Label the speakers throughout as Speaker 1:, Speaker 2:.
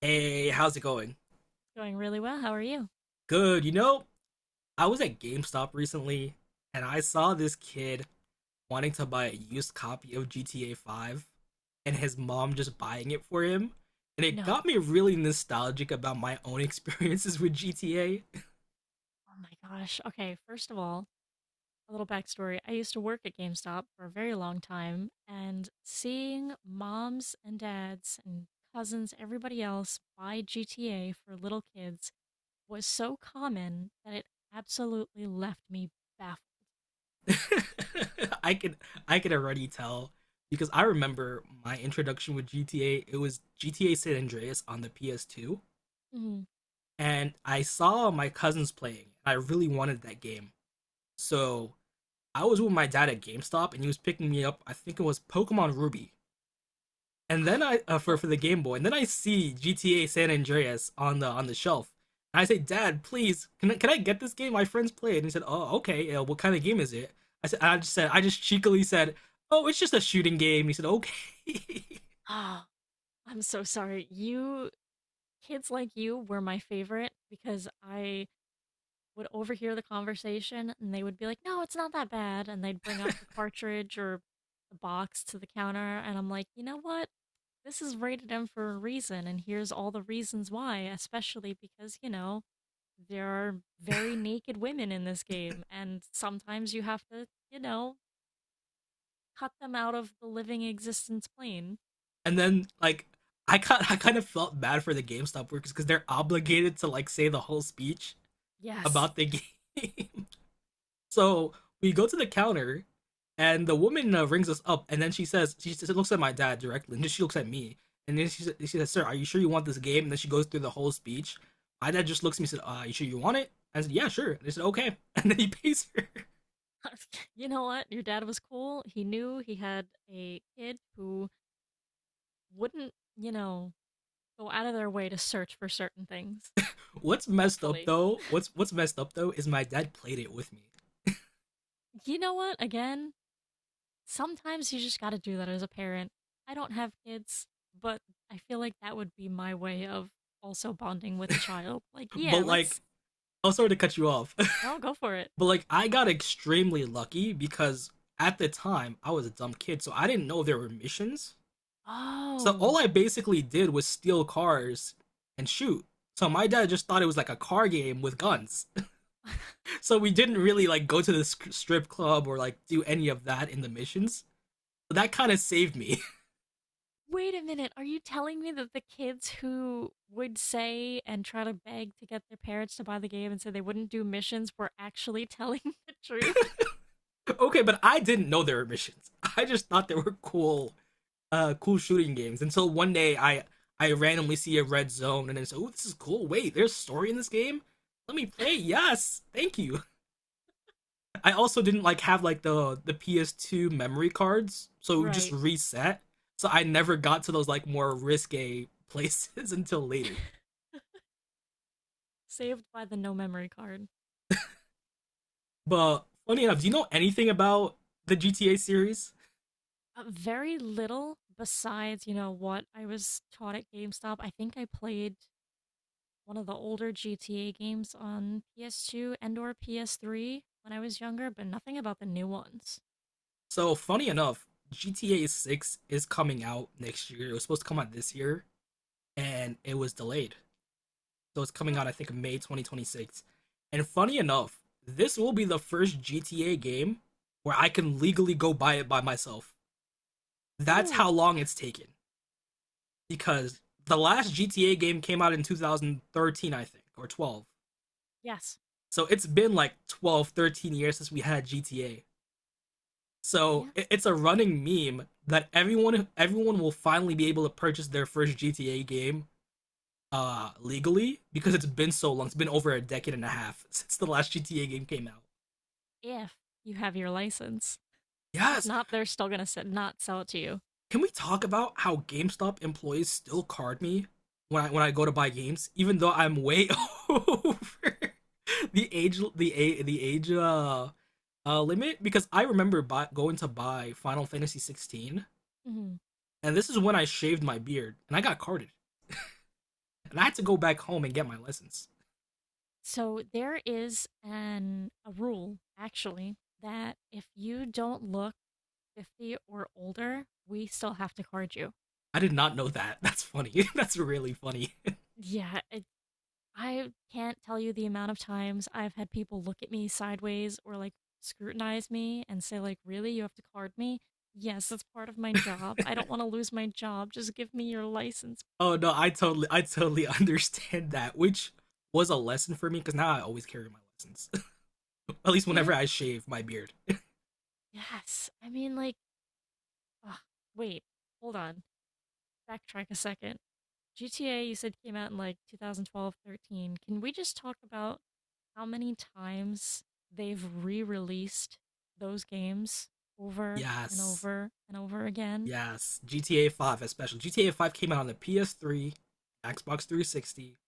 Speaker 1: Hey, how's it going?
Speaker 2: Doing really well. How are you?
Speaker 1: Good. You know, I was at GameStop recently and I saw this kid wanting to buy a used copy of GTA 5 and his mom just buying it for him. And it
Speaker 2: No.
Speaker 1: got me really nostalgic about my own experiences with GTA.
Speaker 2: Oh my gosh. Okay, first of all, a little backstory. I used to work at GameStop for a very long time, and seeing moms and dads and cousins, everybody else buy GTA for little kids was so common that it absolutely left me baffled.
Speaker 1: I can I can already tell because I remember my introduction with GTA, it was GTA San Andreas on the PS2
Speaker 2: Mm.
Speaker 1: and I saw my cousins playing. I really wanted that game. So I was with my dad at GameStop and he was picking me up. I think it was Pokemon Ruby, and then I for
Speaker 2: Oh,
Speaker 1: for the Game Boy, and then I see GTA San Andreas on the shelf. And I say, "Dad, please, can I get this game? My friends play it." And he said, "Oh, okay. What kind of game is it?" I just cheekily said, "Oh, it's just a shooting game." And he said, "Okay."
Speaker 2: ah, I'm so sorry. You Kids like you were my favorite because I would overhear the conversation and they would be like, "No, it's not that bad." And they'd bring up the cartridge or the box to the counter and I'm like, "You know what? This is rated M for a reason and here's all the reasons why, especially because, there are very naked women in this game and sometimes you have to, cut them out of the living existence plane."
Speaker 1: And then like I kind of felt bad for the GameStop workers because they're obligated to like say the whole speech
Speaker 2: Yes.
Speaker 1: about the game. So we go to the counter, and the woman rings us up, and then she looks at my dad directly, and then she looks at me, and then she says, "Sir, are you sure you want this game?" And then she goes through the whole speech. My dad just looks at me and said, "You sure you want it?" I said, "Yeah, sure." They said, "Okay," and then he pays her.
Speaker 2: You know what? Your dad was cool. He knew he had a kid who wouldn't, go out of their way to search for certain things.
Speaker 1: What's messed up
Speaker 2: Hopefully.
Speaker 1: though? What's messed up though is my dad played it with me,
Speaker 2: You know what? Again, sometimes you just got to do that as a parent. I don't have kids, but I feel like that would be my way of also bonding with a child. Like,
Speaker 1: but
Speaker 2: yeah,
Speaker 1: like.
Speaker 2: let's
Speaker 1: I'm sorry to cut you off,
Speaker 2: no, go for it.
Speaker 1: but like I got extremely lucky because at the time I was a dumb kid, so I didn't know there were missions. So all
Speaker 2: Oh.
Speaker 1: I basically did was steal cars and shoot. So my dad just thought it was like a car game with guns. So we didn't really like go to the strip club or like do any of that in the missions. So that kind of saved me.
Speaker 2: Wait a minute. Are you telling me that the kids who would say and try to beg to get their parents to buy the game and say they wouldn't do missions were actually telling the truth?
Speaker 1: Okay, but I didn't know there were missions. I just thought they were cool, cool shooting games until one day I randomly see a red zone and then say, "Oh, this is cool. Wait, there's a story in this game. Let me play. Yes, thank you." I also didn't like have like the PS2 memory cards, so it would just
Speaker 2: Right.
Speaker 1: reset. So I never got to those like more risque places until later.
Speaker 2: Saved by the no memory card.
Speaker 1: But funny enough, do you know anything about the GTA series?
Speaker 2: Very little besides, what I was taught at GameStop. I think I played one of the older GTA games on PS2 and or PS3 when I was younger, but nothing about the new ones.
Speaker 1: So funny enough, GTA 6 is coming out next year. It was supposed to come out this year and it was delayed. So it's coming
Speaker 2: Oh,
Speaker 1: out I think May 2026. And funny enough, this will be the first GTA game where I can legally go buy it by myself. That's
Speaker 2: oh,
Speaker 1: how long it's taken. Because the last GTA game came out in 2013, I think, or 12.
Speaker 2: yes.
Speaker 1: So it's been like 12, 13 years since we had GTA. So
Speaker 2: Yeah,
Speaker 1: it's a running meme that everyone will finally be able to purchase their first GTA game legally because it's been so long. It's been over a decade and a half since the last GTA game came out.
Speaker 2: if you have your license. If
Speaker 1: Yes.
Speaker 2: not, they're still going to not sell it to you.
Speaker 1: Can we talk about how GameStop employees still card me when I go to buy games, even though I'm way over the age limit? Because I remember going to buy Final Fantasy 16,
Speaker 2: Hmm.
Speaker 1: and this is when I shaved my beard, and I got carded, and I had to go back home and get my license.
Speaker 2: So there is an a rule actually that if you don't look 50 or older, we still have to card you.
Speaker 1: I did not know that. That's funny. That's really funny.
Speaker 2: Yeah, I can't tell you the amount of times I've had people look at me sideways or like scrutinize me and say like, "Really? You have to card me?" Yes, that's part of my job. I don't want to lose my job. Just give me your license,
Speaker 1: Oh
Speaker 2: please.
Speaker 1: no, I totally understand that, which was a lesson for me because now I always carry my license, at least whenever
Speaker 2: Yeah.
Speaker 1: I shave my beard.
Speaker 2: Yes. I mean like, ugh, wait. Hold on. Backtrack a second. GTA you said came out in like 2012, 13. Can we just talk about how many times they've re-released those games over and
Speaker 1: Yes.
Speaker 2: over and over again?
Speaker 1: Yes. GTA 5 especially. GTA 5 came out on the PS3, Xbox 360.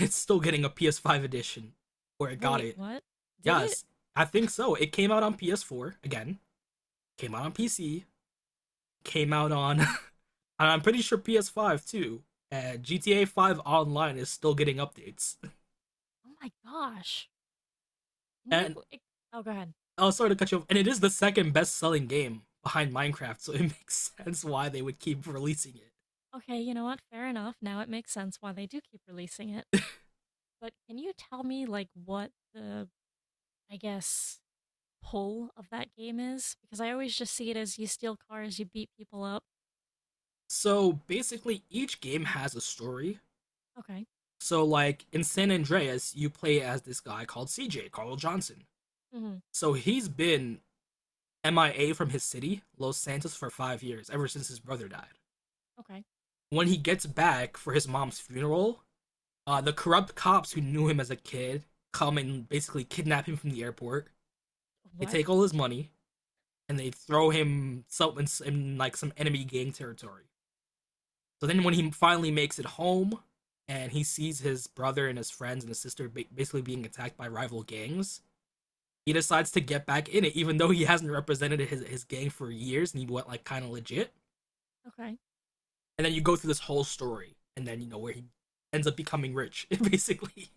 Speaker 1: It's still getting a PS5 edition. Or it got
Speaker 2: Wait,
Speaker 1: it.
Speaker 2: what? Did it?
Speaker 1: Yes. I think so. It came out on PS4 again. Came out on PC. Came out on and I'm pretty sure PS5 too. And GTA 5 online is still getting updates.
Speaker 2: Oh my gosh. Can you?
Speaker 1: And
Speaker 2: e, Oh, go ahead.
Speaker 1: I'll sorry to cut you off. And it is the second best selling game behind Minecraft, so it makes sense why they would keep releasing it.
Speaker 2: Okay, you know what? Fair enough. Now it makes sense why they do keep releasing it. But can you tell me, like, what the, I guess, pull of that game is? Because I always just see it as you steal cars, you beat people up.
Speaker 1: So basically, each game has a story.
Speaker 2: Okay.
Speaker 1: So like in San Andreas, you play as this guy called CJ Carl Johnson.
Speaker 2: Hmm.
Speaker 1: So he's been MIA from his city, Los Santos, for 5 years, ever since his brother died.
Speaker 2: Okay.
Speaker 1: When he gets back for his mom's funeral, the corrupt cops who knew him as a kid come and basically kidnap him from the airport. They
Speaker 2: What?
Speaker 1: take all his money and they throw him some in like some enemy gang territory. So then, when he finally makes it home and he sees his brother and his friends and his sister basically being attacked by rival gangs, he decides to get back in it, even though he hasn't represented his gang for years and he went like kind of legit.
Speaker 2: Okay.
Speaker 1: And then you go through this whole story, and then you know where he ends up becoming rich, basically.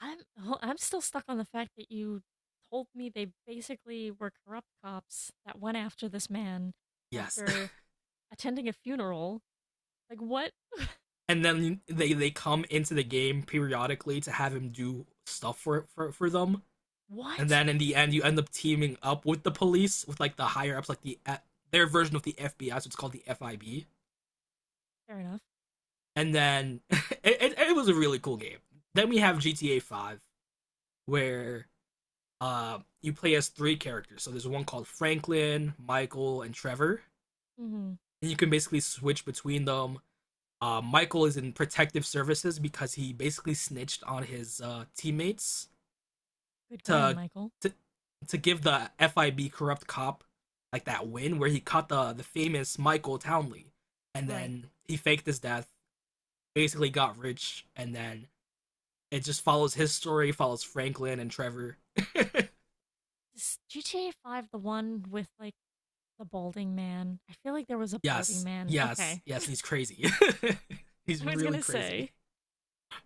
Speaker 2: I'm oh, I'm still stuck on the fact that you told me they basically were corrupt cops that went after this man
Speaker 1: Yes,
Speaker 2: after attending a funeral. Like, what?
Speaker 1: and then they come into the game periodically to have him do stuff for them, and
Speaker 2: What?
Speaker 1: then in the end you end up teaming up with the police with like the higher ups, like the their version of the FBI, so it's called the FIB.
Speaker 2: Fair enough.
Speaker 1: And then it was a really cool game. Then we have GTA 5, where you play as three characters. So there's one called Franklin, Michael, and Trevor.
Speaker 2: Mm-hmm.
Speaker 1: And you can basically switch between them. Michael is in protective services because he basically snitched on his teammates
Speaker 2: Good going,
Speaker 1: to,
Speaker 2: Michael.
Speaker 1: to to give the FIB corrupt cop like that win where he caught the famous Michael Townley, and
Speaker 2: Right.
Speaker 1: then he faked his death, basically got rich, and then it just follows his story, follows Franklin and Trevor.
Speaker 2: Is GTA 5 the one with like the balding man? I feel like there was a balding
Speaker 1: Yes,
Speaker 2: man.
Speaker 1: yes,
Speaker 2: Okay.
Speaker 1: yes. He's crazy. He's
Speaker 2: I was
Speaker 1: really
Speaker 2: gonna
Speaker 1: crazy.
Speaker 2: say.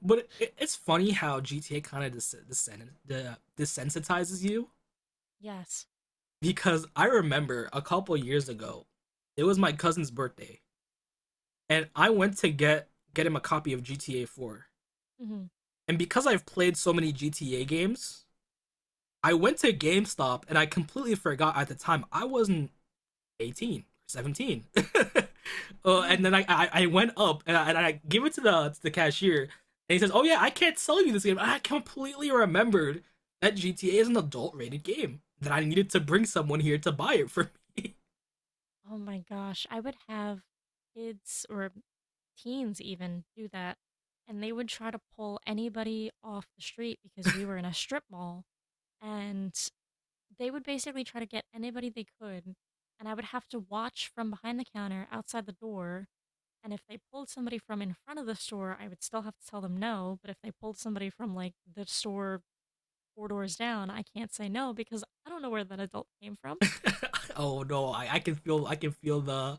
Speaker 1: But it's funny how GTA kind of desensitizes you
Speaker 2: Yes.
Speaker 1: because I remember a couple years ago, it was my cousin's birthday, and I went to get him a copy of GTA 4.
Speaker 2: Hmm.
Speaker 1: And because I've played so many GTA games, I went to GameStop and I completely forgot at the time I wasn't 18 or 17 and
Speaker 2: Oh,
Speaker 1: then I went up and I give it to the cashier and he says, "Oh yeah, I can't sell you this game." And I completely remembered that GTA is an adult rated game that I needed to bring someone here to buy it for me.
Speaker 2: oh my gosh. I would have kids or teens even do that. And they would try to pull anybody off the street because we were in a strip mall. And they would basically try to get anybody they could. And I would have to watch from behind the counter outside the door. And if they pulled somebody from in front of the store, I would still have to tell them no. But if they pulled somebody from like the store four doors down, I can't say no because I don't know where that adult came from.
Speaker 1: Oh no, I can feel the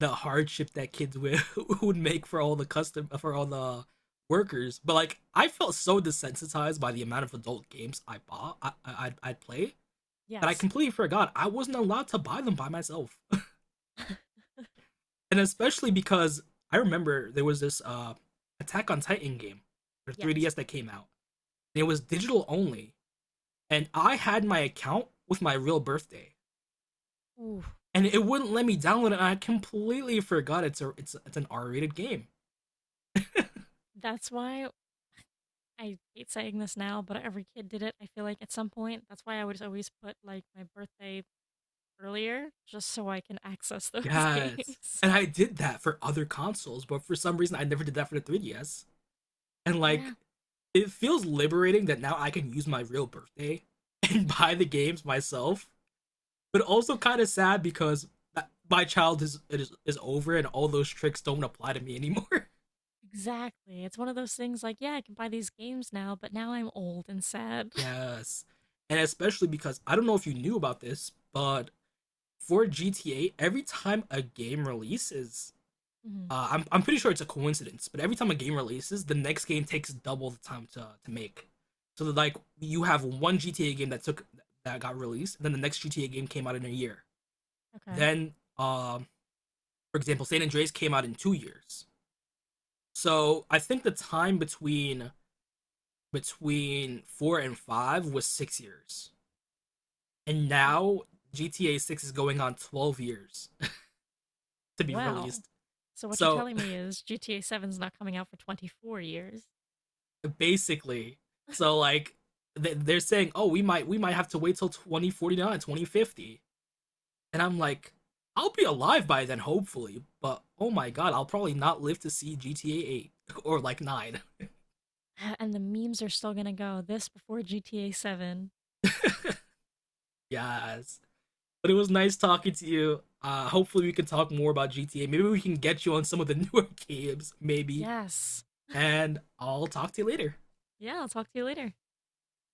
Speaker 1: the hardship that kids would would make for all the workers, but like I felt so desensitized by the amount of adult games I bought, I'd play that I
Speaker 2: Yes.
Speaker 1: completely forgot I wasn't allowed to buy them by myself. And especially because I remember there was this Attack on Titan game for
Speaker 2: Yes.
Speaker 1: 3DS that came out. And it was digital only. And I had my account with my real birthday.
Speaker 2: Ooh.
Speaker 1: And it wouldn't let me download it. And I completely forgot it's a it's it's an R-rated game.
Speaker 2: That's why I hate saying this now, but every kid did it, I feel like, at some point. That's why I would always put, like, my birthday earlier, just so I can access those
Speaker 1: Yes.
Speaker 2: games.
Speaker 1: And I did that for other consoles, but for some reason I never did that for the 3DS. And
Speaker 2: Yeah,
Speaker 1: like it feels liberating that now I can use my real birthday and buy the games myself but also kind of sad because my child is over and all those tricks don't apply to me anymore.
Speaker 2: exactly. It's one of those things like, yeah, I can buy these games now, but now I'm old and sad.
Speaker 1: Yes, and especially because I don't know if you knew about this, but for GTA, every time a game releases,
Speaker 2: Mhm.
Speaker 1: I'm pretty sure it's a coincidence, but every time a game releases, the next game takes double the time to make. So that like you have one GTA game that got released, and then the next GTA game came out in a year.
Speaker 2: Okay.
Speaker 1: Then, for example, San Andreas came out in 2 years. So I think the time between four and five was 6 years, and
Speaker 2: W-
Speaker 1: now GTA 6 is going on 12 years to be
Speaker 2: Well,
Speaker 1: released.
Speaker 2: so what you're
Speaker 1: So
Speaker 2: telling me is GTA 7's not coming out for 24 years,
Speaker 1: basically, so like they're saying, "Oh, we might have to wait till 2049, 2050," and I'm like, I'll be alive by then, hopefully. But oh my god, I'll probably not live to see GTA 8 or like 9.
Speaker 2: and the memes are still gonna go this before GTA 7.
Speaker 1: Yes. But it was nice talking to you. Hopefully, we can talk more about GTA. Maybe we can get you on some of the newer games, maybe.
Speaker 2: Yes.
Speaker 1: And I'll talk to you later.
Speaker 2: Yeah, I'll talk to you later.